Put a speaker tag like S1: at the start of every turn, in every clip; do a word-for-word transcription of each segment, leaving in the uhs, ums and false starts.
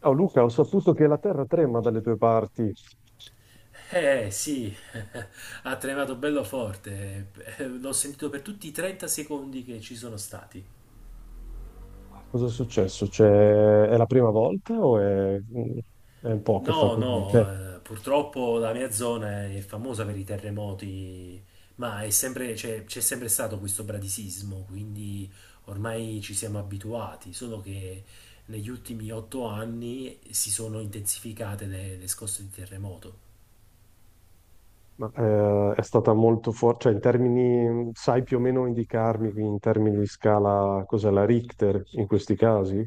S1: Ciao Luca, ho saputo che la terra trema dalle tue parti.
S2: Eh sì, ha tremato bello forte. Eh, l'ho sentito per tutti i trenta secondi che ci sono stati.
S1: Ma cosa è successo? Cioè, è la prima volta o è, è un po' che fa
S2: No,
S1: così? Cioè,
S2: no, eh, purtroppo la mia zona è famosa per i terremoti, ma è sempre- c'è c'è sempre stato questo bradisismo, quindi ormai ci siamo abituati, solo che negli ultimi otto anni si sono intensificate le le scosse di terremoto.
S1: ma, eh, è stata molto forte, cioè in termini, sai più o meno indicarmi in termini di scala cos'è la Richter in questi casi?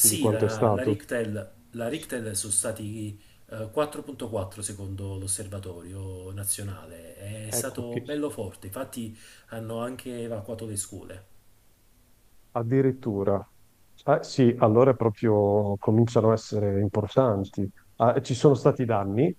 S1: Di quanto è
S2: la, la
S1: stato?
S2: Richtel, la Richtel sono stati eh, quattro virgola quattro secondo l'osservatorio nazionale. È
S1: Ecco che
S2: stato bello forte, infatti hanno anche evacuato le scuole.
S1: addirittura, eh sì, allora proprio cominciano a essere importanti. Ah, ci sono stati danni,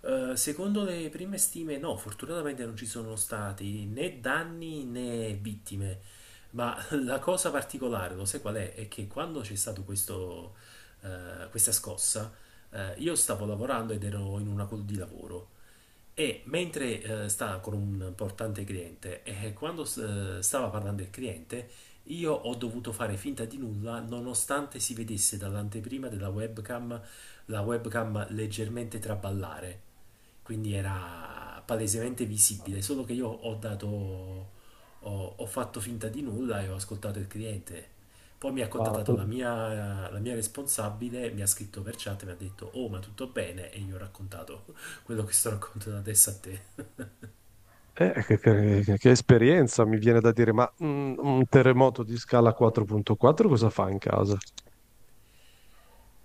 S2: Eh, secondo le prime stime, no, fortunatamente non ci sono stati né danni né vittime, ma la cosa particolare, lo sai qual è? È che quando c'è stato questo, eh, questa scossa, eh, io stavo lavorando ed ero in una call di lavoro. E mentre eh, stava con un importante cliente e quando eh, stava parlando il cliente, io ho dovuto fare finta di nulla nonostante si vedesse dall'anteprima della webcam la webcam leggermente traballare. Quindi era palesemente visibile, solo che io ho dato, ho, ho fatto finta di nulla e ho ascoltato il cliente. Poi mi ha
S1: ma
S2: contattato la mia, la mia responsabile, mi ha scritto per chat, e mi ha detto: Oh, ma tutto bene? E io ho raccontato quello che sto raccontando adesso a te.
S1: eh, che, che- che esperienza mi viene da dire, ma mm, un terremoto di scala quattro virgola quattro cosa fa in casa?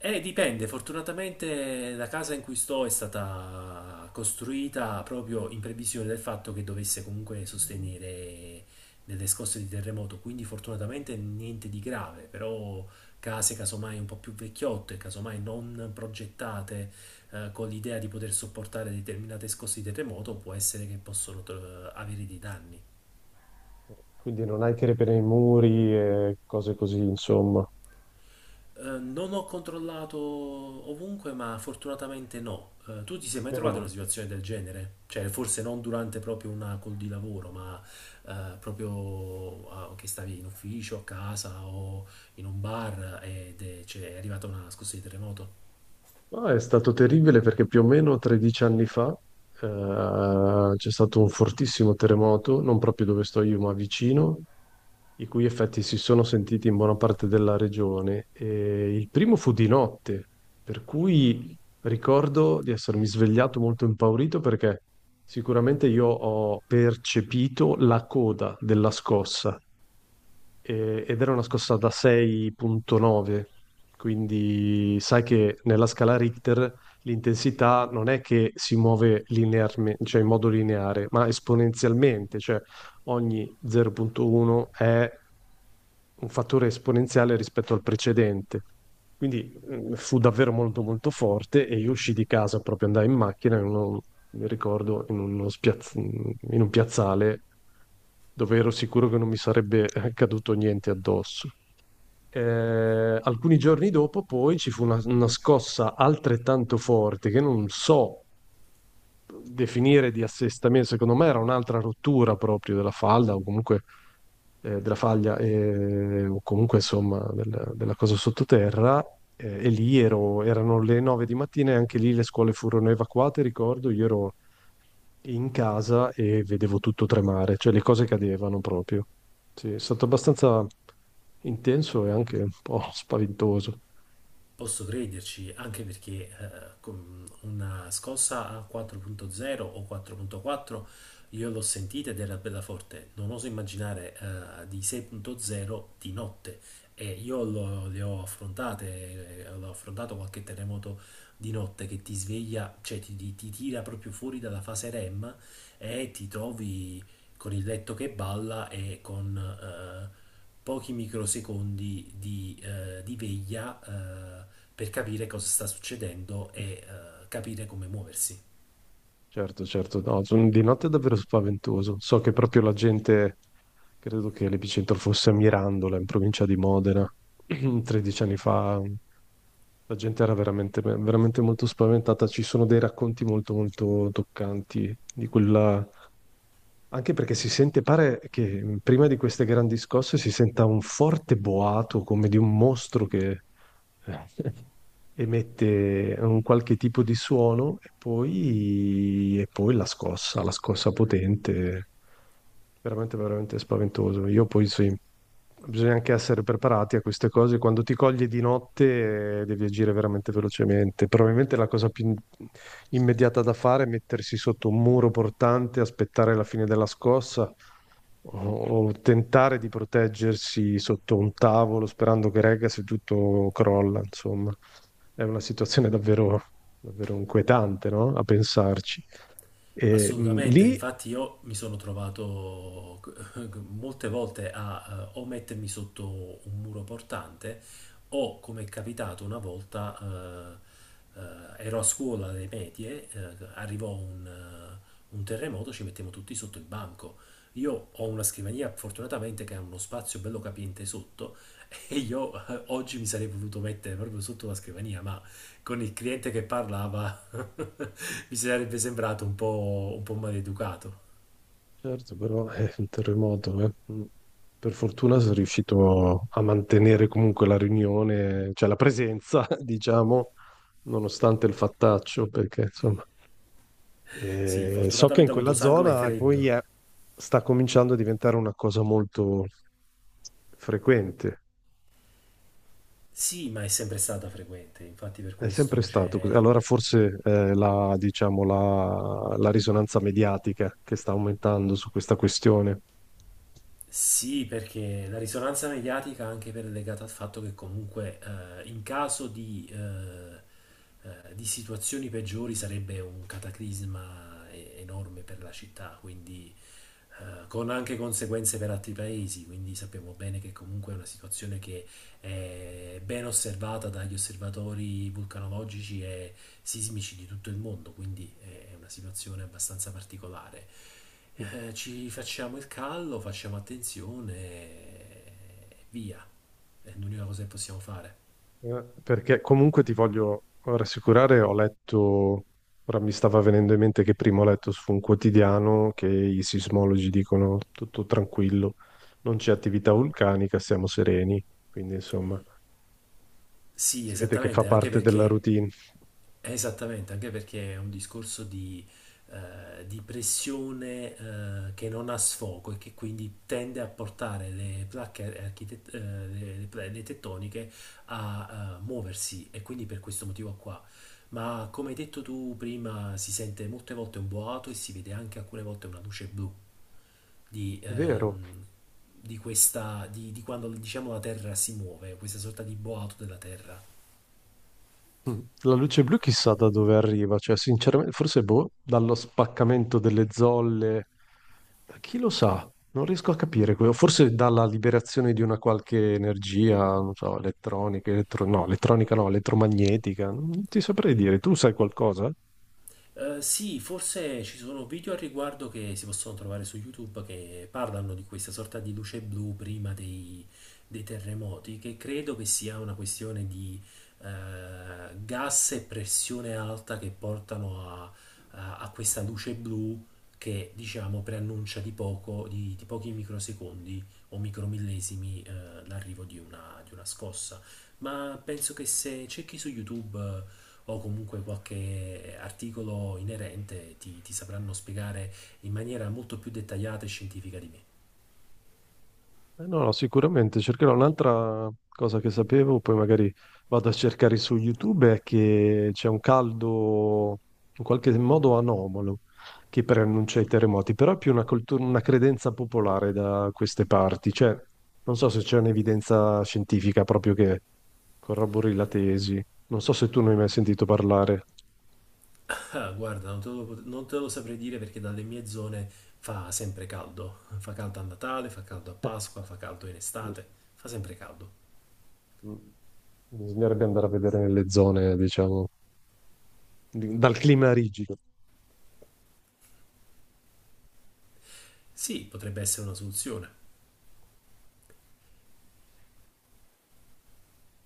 S2: Eh, dipende, fortunatamente la casa in cui sto è stata costruita proprio in previsione del fatto che dovesse comunque sostenere delle scosse di terremoto, quindi fortunatamente niente di grave, però case casomai un po' più vecchiotte, casomai non progettate eh, con l'idea di poter sopportare determinate scosse di terremoto, può essere che possono eh, avere dei danni.
S1: Quindi non hai tiri per i muri e cose così, insomma.
S2: Eh, non ho controllato ovunque, ma fortunatamente no. Eh, tu ti sei mai
S1: Meno
S2: trovato in una
S1: male.
S2: situazione del genere? Cioè, forse non durante proprio una call di lavoro, ma eh, proprio ah, che stavi in ufficio, a casa o in un bar ed è, cioè, è arrivata una scossa di terremoto?
S1: No, è stato terribile perché più o meno tredici anni fa eh, c'è stato un fortissimo terremoto, non proprio dove sto io, ma vicino, i cui effetti si sono sentiti in buona parte della regione. E il primo fu di notte, per cui ricordo di essermi svegliato molto impaurito perché sicuramente io ho percepito la coda della scossa e- ed era una scossa da sei virgola nove, quindi sai che nella scala Richter l'intensità non è che si muove linearmente, cioè in modo lineare, ma esponenzialmente, cioè ogni zero virgola uno è un fattore esponenziale rispetto al precedente. Quindi mm, fu davvero molto molto forte e io uscii di casa, proprio andai in macchina, in uno- mi ricordo, in uno spiaz- in un piazzale dove ero sicuro che non mi sarebbe eh, caduto niente addosso. Eh, alcuni giorni dopo, poi ci fu una, una scossa altrettanto forte che non so definire di assestamento, secondo me era un'altra rottura proprio della falda o comunque eh, della faglia eh, o comunque insomma del- della cosa sottoterra. Eh, e lì ero, erano le nove di mattina e anche lì le scuole furono evacuate, ricordo, io ero in casa e vedevo tutto tremare, cioè le cose cadevano proprio. Sì, è stato abbastanza intenso e anche un po' spaventoso.
S2: Posso crederci, anche perché eh, con una scossa a quattro virgola zero o quattro virgola quattro io l'ho sentita ed era bella forte. Non oso immaginare eh, di sei virgola zero di notte. E io lo- le ho affrontate, eh, l'ho affrontato qualche terremoto di notte che ti sveglia, cioè ti, ti- ti tira proprio fuori dalla fase REM e ti trovi con il letto che balla e con eh, pochi microsecondi di, eh, di veglia eh, per capire cosa sta succedendo e eh, capire come muoversi.
S1: Certo, certo, no, sono- di notte è davvero spaventoso. So che proprio la gente, credo che l'epicentro fosse a Mirandola, in provincia di Modena, tredici anni fa. La gente era veramente, veramente molto spaventata. Ci sono dei racconti molto, molto toccanti di quella. Anche perché si sente, pare che mh, prima di queste grandi scosse si senta un forte boato come di un mostro che emette un qualche tipo di suono e poi, e poi la scossa, la scossa potente, veramente, veramente spaventoso. Io poi sì, bisogna anche essere preparati a queste cose. Quando ti coglie di notte, eh, devi agire veramente velocemente. Probabilmente la cosa più in- immediata da fare è mettersi sotto un muro portante, aspettare la fine della scossa o, o tentare di proteggersi sotto un tavolo sperando che regga se tutto crolla. Insomma, è una situazione davvero, davvero inquietante, no? A pensarci. E, mh,
S2: Assolutamente,
S1: lì
S2: infatti io mi sono trovato eh, molte volte a eh, o mettermi sotto un muro portante o, come è capitato una volta, eh, eh, ero a scuola alle medie, eh, arrivò un, eh, un terremoto, ci mettiamo tutti sotto il banco. Io ho una scrivania fortunatamente che ha uno spazio bello capiente sotto, e io eh, oggi mi sarei voluto mettere proprio sotto la scrivania, ma con il cliente che parlava mi sarebbe sembrato un po', un po' maleducato.
S1: certo, però è un terremoto. Eh. Mm. Per fortuna sono riuscito a mantenere comunque la riunione, cioè la presenza, diciamo, nonostante il fattaccio, perché insomma,
S2: Sì,
S1: eh, so che in
S2: fortunatamente ha avuto
S1: quella
S2: sangue
S1: zona eh, poi
S2: freddo.
S1: è- sta cominciando a diventare una cosa molto frequente.
S2: Sì, ma è sempre stata frequente, infatti per
S1: È sempre
S2: questo
S1: stato così.
S2: c'è...
S1: Allora forse eh, la, diciamo, la la risonanza mediatica che sta aumentando su questa questione.
S2: Sì, perché la risonanza mediatica anche per legata al fatto che comunque eh, in caso di, eh, eh, di situazioni peggiori sarebbe un cataclisma e- enorme per la città, quindi eh, con anche conseguenze per altri paesi, quindi sappiamo bene che comunque è una situazione che è ben osservata dagli osservatori vulcanologici e sismici di tutto il mondo, quindi è una situazione abbastanza particolare. Eh, ci facciamo il callo, facciamo attenzione e via. È l'unica cosa che possiamo fare.
S1: Eh, Perché comunque ti voglio rassicurare, ho letto, ora mi stava venendo in mente che prima ho letto su un quotidiano che i sismologi dicono tutto tranquillo, non c'è attività vulcanica, siamo sereni, quindi insomma
S2: Sì,
S1: si vede che fa
S2: esattamente, anche
S1: parte della
S2: perché.
S1: routine.
S2: Esattamente, anche perché è un discorso di, eh, di pressione eh, che non ha sfogo e che quindi tende a portare le placche architet- eh, le, le pla- le tettoniche a eh, muoversi e quindi per questo motivo qua. Ma come hai detto tu prima, si sente molte volte un boato e si vede anche alcune volte una luce blu di,
S1: È vero.
S2: ehm, di questa, di, di quando diciamo la Terra si muove, questa sorta di boato della Terra.
S1: Mm. La luce blu chissà da dove arriva, cioè sinceramente forse boh, dallo spaccamento delle zolle, da chi lo sa, non riesco a capire, quello. Forse dalla liberazione di una qualche energia, non so, elettronica, elettro- no, elettronica no, elettromagnetica, non ti saprei dire, tu sai qualcosa?
S2: Eh, sì, forse ci sono video al riguardo che si possono trovare su YouTube che parlano di questa sorta di luce blu prima dei, dei terremoti, che credo che sia una questione di eh, gas e pressione alta che portano a, a- a questa luce blu che diciamo preannuncia di poco, di, di pochi microsecondi o micromillesimi eh, l'arrivo di una, di una scossa. Ma penso che se cerchi su YouTube o comunque qualche articolo inerente ti, ti sapranno spiegare in maniera molto più dettagliata e scientifica di me.
S1: Eh, No, no, sicuramente cercherò un'altra cosa che sapevo, poi magari vado a cercare su YouTube, è che c'è un caldo in qualche modo anomalo che preannuncia i terremoti, però è più una, coltu- una credenza popolare da queste parti, cioè non so se c'è un'evidenza scientifica proprio che corrobori la tesi, non so se tu ne hai mai sentito parlare.
S2: Ah, guarda, non te lo, pot- non te lo saprei dire perché dalle mie zone fa sempre caldo. Fa caldo a Natale, fa caldo a
S1: Eh,
S2: Pasqua, fa caldo in estate,
S1: giusto.
S2: fa sempre caldo.
S1: Mm. Bisognerebbe andare a vedere nelle zone, diciamo, di- dal clima rigido.
S2: Sì, potrebbe essere una soluzione.